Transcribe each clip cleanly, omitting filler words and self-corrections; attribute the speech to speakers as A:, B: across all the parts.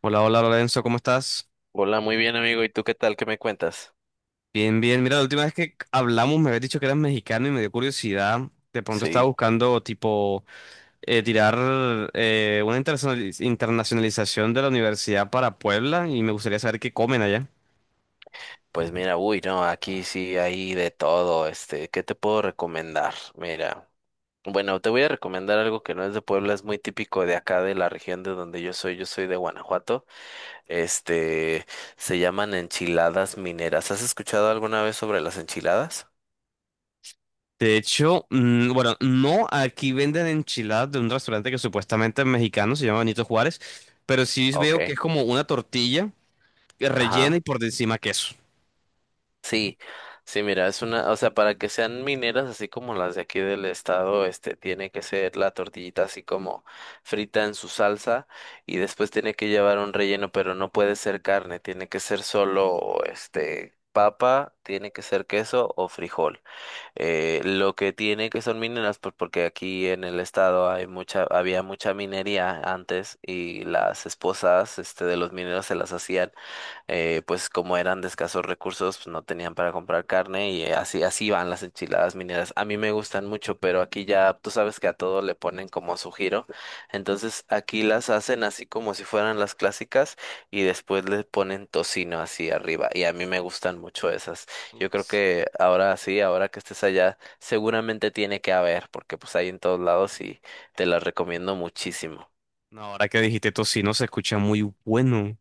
A: Hola, hola Lorenzo, ¿cómo estás?
B: Hola, muy bien amigo. ¿Y tú qué tal? ¿Qué me cuentas?
A: Bien, bien. Mira, la última vez que hablamos me habías dicho que eras mexicano y me dio curiosidad. De pronto estaba
B: Sí,
A: buscando, tipo, tirar una internacionalización de la universidad para Puebla y me gustaría saber qué comen allá.
B: pues mira, uy, no, aquí sí hay de todo. ¿Qué te puedo recomendar? Mira, bueno, te voy a recomendar algo que no es de Puebla, es muy típico de acá, de la región de donde yo soy. Yo soy de Guanajuato. Este, Se llaman enchiladas mineras. ¿Has escuchado alguna vez sobre las enchiladas?
A: De hecho, bueno, no, aquí venden enchiladas de un restaurante que supuestamente es mexicano, se llama Benito Juárez, pero sí
B: Ok.
A: veo que es como una tortilla rellena
B: Ajá.
A: y por encima queso.
B: Sí, sí, mira, es una, o sea, para que sean mineras así como las de aquí del estado, tiene que ser la tortillita así como frita en su salsa y después tiene que llevar un relleno, pero no puede ser carne, tiene que ser solo, papa, tiene que ser queso o frijol. Lo que tiene que son mineras, pues porque aquí en el estado hay había mucha minería antes y las esposas, de los mineros se las hacían pues como eran de escasos recursos, pues no tenían para comprar carne y así, así van las enchiladas mineras. A mí me gustan mucho, pero aquí ya tú sabes que a todo le ponen como su giro. Entonces aquí las hacen así como si fueran las clásicas y después le ponen tocino así arriba. Y a mí me gustan mucho esas. Yo creo
A: Uf.
B: que ahora sí, ahora que estés allá, seguramente tiene que haber, porque pues hay en todos lados y te las recomiendo muchísimo.
A: No, ahora que dijiste tocino se escucha muy bueno.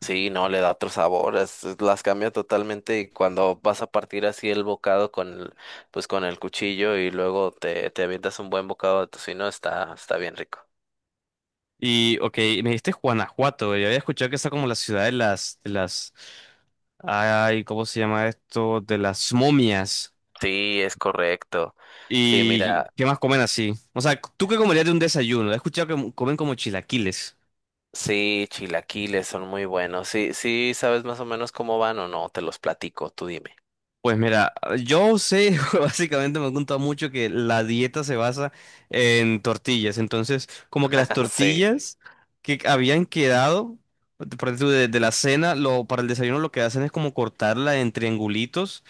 B: Sí, no, le da otro sabor, las cambia totalmente y cuando vas a partir así el bocado con el, pues con el cuchillo y luego te avientas un buen bocado de tocino, está bien rico.
A: Y, ok, me dijiste Guanajuato, yo había escuchado que está como la ciudad de las, ay, ¿cómo se llama esto? De las momias.
B: Sí, es correcto. Sí,
A: ¿Y
B: mira,
A: qué más comen así? O sea, ¿tú qué comerías de un desayuno? He escuchado que comen como chilaquiles.
B: sí, chilaquiles son muy buenos. Sí, sí, ¿sabes más o menos cómo van o no? Te los platico, tú dime.
A: Pues mira, yo sé, básicamente me han contado mucho que la dieta se basa en tortillas. Entonces, como que las
B: Sí.
A: tortillas que habían quedado, por ejemplo, de la cena, lo, para el desayuno lo que hacen es como cortarla en triangulitos.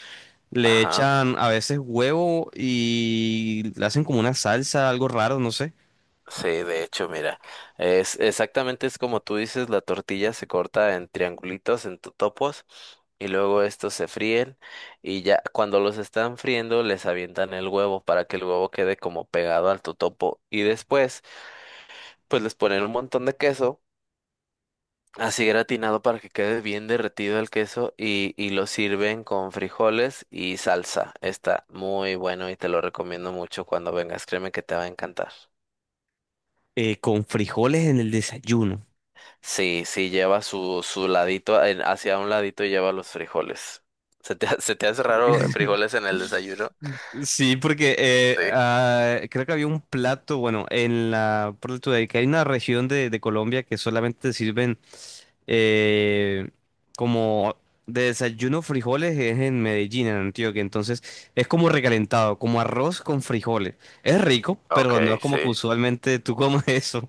A: Le
B: Ajá.
A: echan a veces huevo y le hacen como una salsa, algo raro, no sé,
B: Sí, de hecho, mira, es como tú dices, la tortilla se corta en triangulitos, en topos, y luego estos se fríen, y ya cuando los están friendo les avientan el huevo para que el huevo quede como pegado al totopo, y después pues les ponen un montón de queso, así gratinado para que quede bien derretido el queso, y lo sirven con frijoles y salsa. Está muy bueno y te lo recomiendo mucho cuando vengas, créeme que te va a encantar.
A: con frijoles en el desayuno.
B: Sí, sí, lleva su ladito, hacia un ladito lleva los frijoles. Se te hace raro frijoles en el desayuno?
A: Sí, porque
B: Sí.
A: creo que había un plato, bueno, en la, que hay una región de, Colombia que solamente sirven eh, como de desayuno frijoles, es en Medellín, en Antioquia, entonces es como recalentado, como arroz con frijoles. Es rico, pero no
B: Ok,
A: es como que
B: sí.
A: usualmente tú comes eso.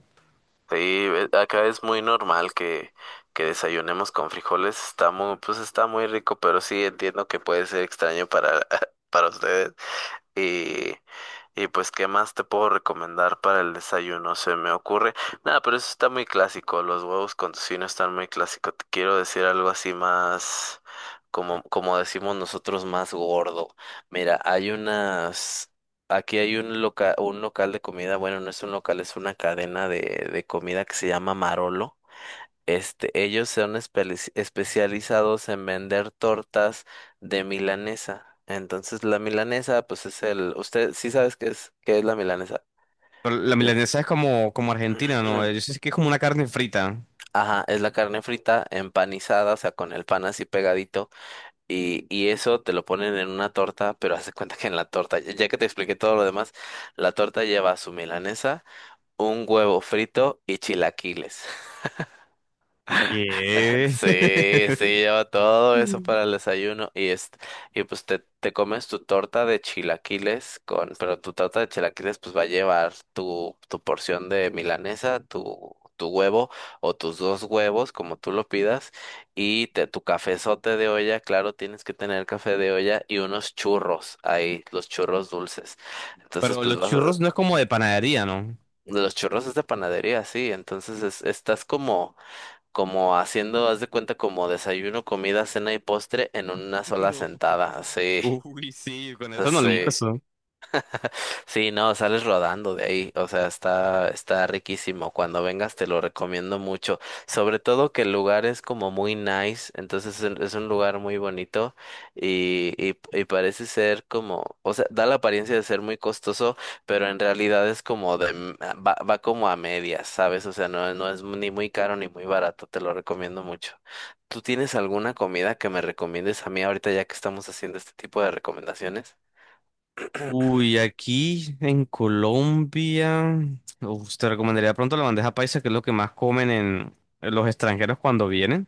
B: Sí, acá es muy normal que desayunemos con frijoles. Pues está muy rico, pero sí entiendo que puede ser extraño para, para ustedes. Y pues, ¿qué más te puedo recomendar para el desayuno? Se me ocurre. Nada, pero eso está muy clásico. Los huevos con tocino están muy clásicos. Te quiero decir algo así más, como decimos nosotros, más gordo. Mira, hay unas. Aquí hay un local de comida. Bueno, no es un local, es una cadena de comida que se llama Marolo. Ellos son especializados en vender tortas de milanesa. Entonces, la milanesa, pues es usted sí sabes qué es la milanesa.
A: Pero
B: O
A: la
B: te-
A: milanesa es como, como argentina, ¿no? Yo sí sé que es como una carne frita.
B: Ajá, es la carne frita empanizada, o sea, con el pan así pegadito. Y eso te lo ponen en una torta, pero haz de cuenta que en la torta, ya que te expliqué todo lo demás, la torta lleva su milanesa, un huevo frito y chilaquiles.
A: ¿Qué?
B: Sí, sí, lleva todo eso
A: Mm.
B: para el desayuno y y pues te comes tu torta de chilaquiles pero tu torta de chilaquiles pues va a llevar tu porción de milanesa, tu huevo o tus dos huevos, como tú lo pidas, y tu cafezote de olla, claro, tienes que tener café de olla y unos churros ahí, los churros dulces. Entonces,
A: Pero
B: pues
A: los churros no es como de panadería, ¿no?
B: los churros es de panadería, sí, entonces estás como haciendo, haz de cuenta, como desayuno, comida, cena y postre en una sola
A: No.
B: sentada. Sí,
A: Uy, sí, con eso no
B: sí.
A: almuerzo.
B: Sí, no, sales rodando de ahí, o sea, está riquísimo. Cuando vengas te lo recomiendo mucho, sobre todo que el lugar es como muy nice, entonces es un lugar muy bonito y parece ser como, o sea, da la apariencia de ser muy costoso, pero en realidad es como va como a medias, ¿sabes? O sea, no, no es ni muy caro ni muy barato, te lo recomiendo mucho. ¿Tú tienes alguna comida que me recomiendes a mí ahorita ya que estamos haciendo este tipo de recomendaciones?
A: Uy, aquí en Colombia, uf, te recomendaría pronto la bandeja paisa, que es lo que más comen en los extranjeros cuando vienen.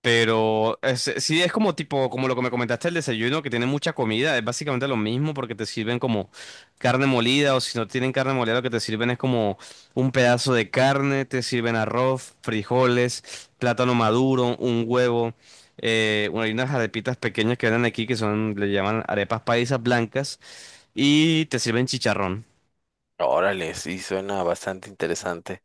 A: Sí es como tipo, como lo que me comentaste, el desayuno, que tiene mucha comida, es básicamente lo mismo porque te sirven como carne molida, o si no tienen carne molida lo que te sirven es como un pedazo de carne, te sirven arroz, frijoles, plátano maduro, un huevo, bueno, hay unas arepitas pequeñas que venden aquí que son, le llaman arepas paisas blancas y te sirven chicharrón.
B: Órale, sí, suena bastante interesante.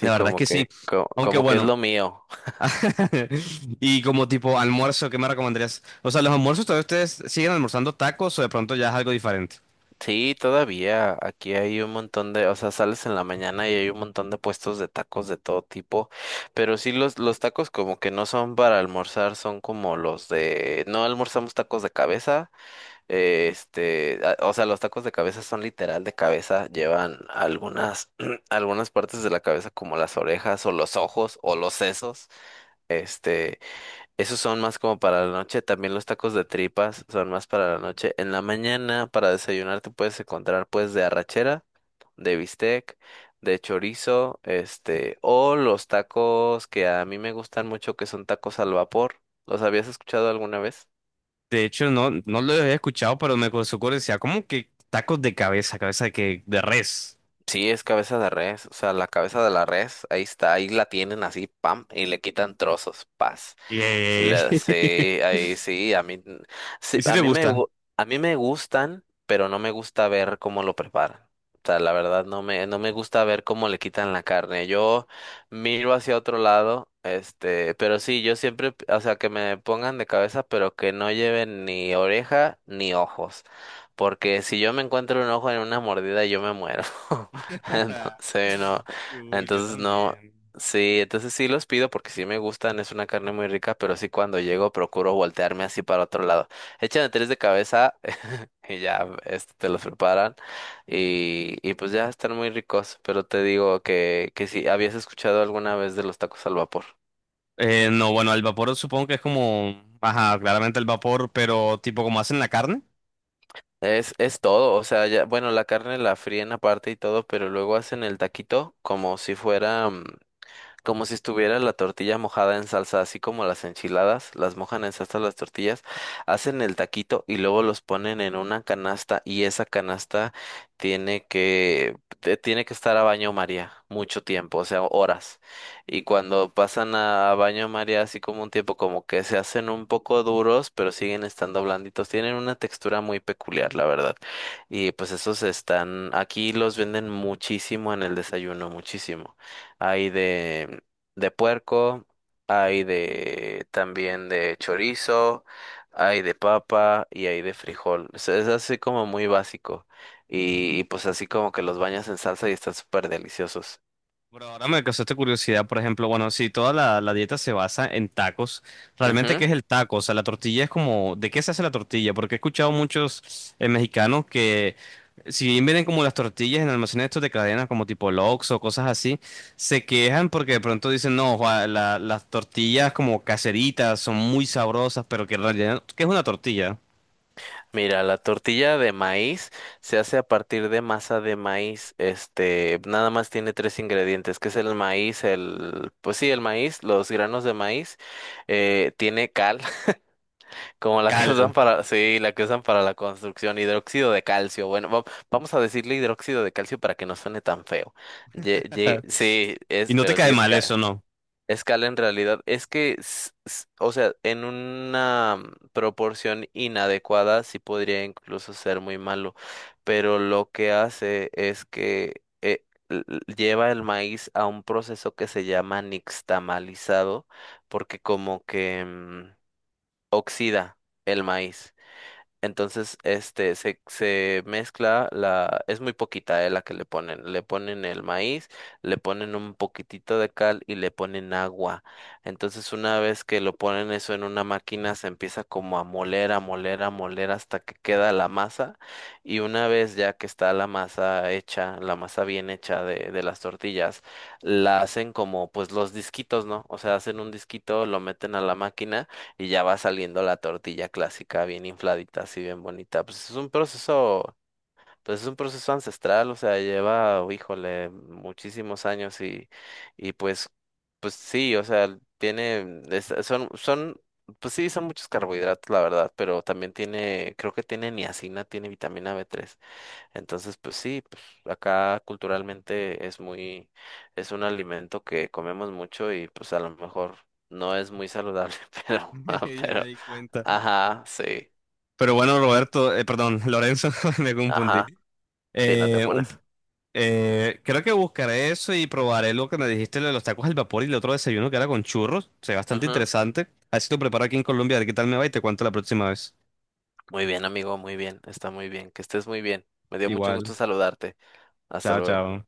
A: La verdad es que sí, aunque
B: como, que es
A: bueno.
B: lo mío.
A: Y como tipo almuerzo, ¿qué me recomendarías? O sea, los almuerzos todavía ustedes siguen almorzando tacos, o de pronto ya es algo diferente.
B: Sí, todavía aquí hay un montón de, o sea, sales en la mañana y hay un montón de puestos de tacos de todo tipo, pero sí los tacos como que no son para almorzar, son como los de, no almorzamos tacos de cabeza, o sea, los tacos de cabeza son literal de cabeza, llevan algunas, algunas partes de la cabeza como las orejas o los ojos o los sesos. Este, Esos son más como para la noche. También los tacos de tripas son más para la noche. En la mañana, para desayunar, te puedes encontrar pues de arrachera, de bistec, de chorizo, o los tacos que a mí me gustan mucho, que son tacos al vapor. ¿Los habías escuchado alguna vez?
A: De hecho, no, no lo había escuchado, pero me ocurrió ocurre, decía, ¿cómo que tacos de cabeza, cabeza de que de res?
B: Sí, es cabeza de res, o sea, la cabeza de la res, ahí está, ahí la tienen así, pam, y le quitan trozos, paz.
A: Y,
B: Sí, ahí sí, sí,
A: ¿Y si
B: a
A: te
B: mí me,
A: gusta?
B: gu- a mí me gustan, pero no me gusta ver cómo lo preparan. O sea, la verdad no me gusta ver cómo le quitan la carne. Yo miro hacia otro lado, pero sí, yo siempre, o sea, que me pongan de cabeza, pero que no lleven ni oreja ni ojos, porque si yo me encuentro un ojo en una mordida, yo me muero. Entonces, no,
A: Uy, yo
B: entonces no,
A: también.
B: sí, entonces sí los pido porque sí me gustan, es una carne muy rica, pero sí cuando llego procuro voltearme así para otro lado. Echan tres de cabeza y ya te los preparan y pues ya están muy ricos, pero te digo que si habías escuchado alguna vez de los tacos al vapor.
A: No, bueno, el vapor supongo que es como, ajá, claramente el vapor, pero tipo como hacen la carne.
B: Es todo, o sea, ya, bueno, la carne la fríen aparte y todo, pero luego hacen el taquito como si estuviera la tortilla mojada en salsa, así como las enchiladas, las mojan en salsa las tortillas, hacen el taquito y luego los ponen en una canasta y esa canasta tiene que estar a baño María mucho tiempo, o sea, horas. Y cuando pasan a baño María así como un tiempo como que se hacen un poco duros, pero siguen estando blanditos, tienen una textura muy peculiar, la verdad. Y pues esos están aquí los venden muchísimo en el desayuno, muchísimo hay de puerco, hay de también de chorizo, hay de papa y hay de frijol. O sea, es así como muy básico. Y pues así como que los bañas en salsa y están súper deliciosos.
A: Pero ahora me causaste curiosidad, por ejemplo, bueno, si toda la dieta se basa en tacos, ¿realmente
B: Ujú.
A: qué es el taco? O sea, la tortilla es como, ¿de qué se hace la tortilla? Porque he escuchado muchos mexicanos que, si bien vienen como las tortillas en almacenes estos de cadenas, como tipo Lox o cosas así, se quejan porque de pronto dicen, no, Juan, las tortillas como caseritas son muy sabrosas, pero que en realidad, ¿qué es una tortilla?
B: Mira, la tortilla de maíz se hace a partir de masa de maíz. Nada más tiene tres ingredientes, que es el maíz, pues sí, el maíz, los granos de maíz, tiene cal, como la que usan
A: Cal.
B: para, sí, la que usan para la construcción, hidróxido de calcio. Bueno, vamos a decirle hidróxido de calcio para que no suene tan feo. Sí,
A: Y
B: es,
A: no te
B: pero sí
A: cae
B: es
A: mal eso,
B: cal.
A: ¿no?
B: Es cal en realidad. Es que, s- s- o sea, en una proporción inadecuada sí podría incluso ser muy malo, pero lo que hace es que lleva el maíz a un proceso que se llama nixtamalizado, porque oxida el maíz. Entonces, se mezcla es muy poquita, la que le ponen. Le ponen el maíz, le ponen un poquitito de cal y le ponen agua. Entonces, una vez que lo ponen eso en una máquina, se empieza como a moler, a moler, a moler hasta que queda la masa. Y una vez ya que está la masa hecha, la masa bien hecha de las tortillas, la hacen como pues los disquitos, ¿no? O sea, hacen un disquito, lo meten a la máquina y ya va saliendo la tortilla clásica bien infladita, así bien bonita. Pues es un proceso ancestral, o sea, lleva, híjole, muchísimos años y pues, pues sí, o sea, son, pues sí, son muchos carbohidratos, la verdad, pero también tiene, creo que tiene niacina, tiene vitamina B3. Entonces, pues sí, pues acá culturalmente es un alimento que comemos mucho y pues a lo mejor no es muy saludable, pero,
A: Ya me
B: pero
A: di cuenta.
B: ajá, sí,
A: Pero bueno, Roberto, perdón, Lorenzo, me confundí.
B: ajá, sí, no te
A: Eh, un-
B: apures.
A: Creo que buscaré eso y probaré lo que me dijiste, lo de los tacos al vapor y el otro desayuno que era con churros. Se ve bastante
B: Ujú.
A: interesante. Así lo preparo aquí en Colombia, a ver qué tal me va y te cuento la próxima vez.
B: Muy bien, amigo, muy bien, está muy bien, que estés muy bien. Me dio mucho
A: Igual.
B: gusto saludarte. Hasta
A: Chao,
B: luego.
A: chao.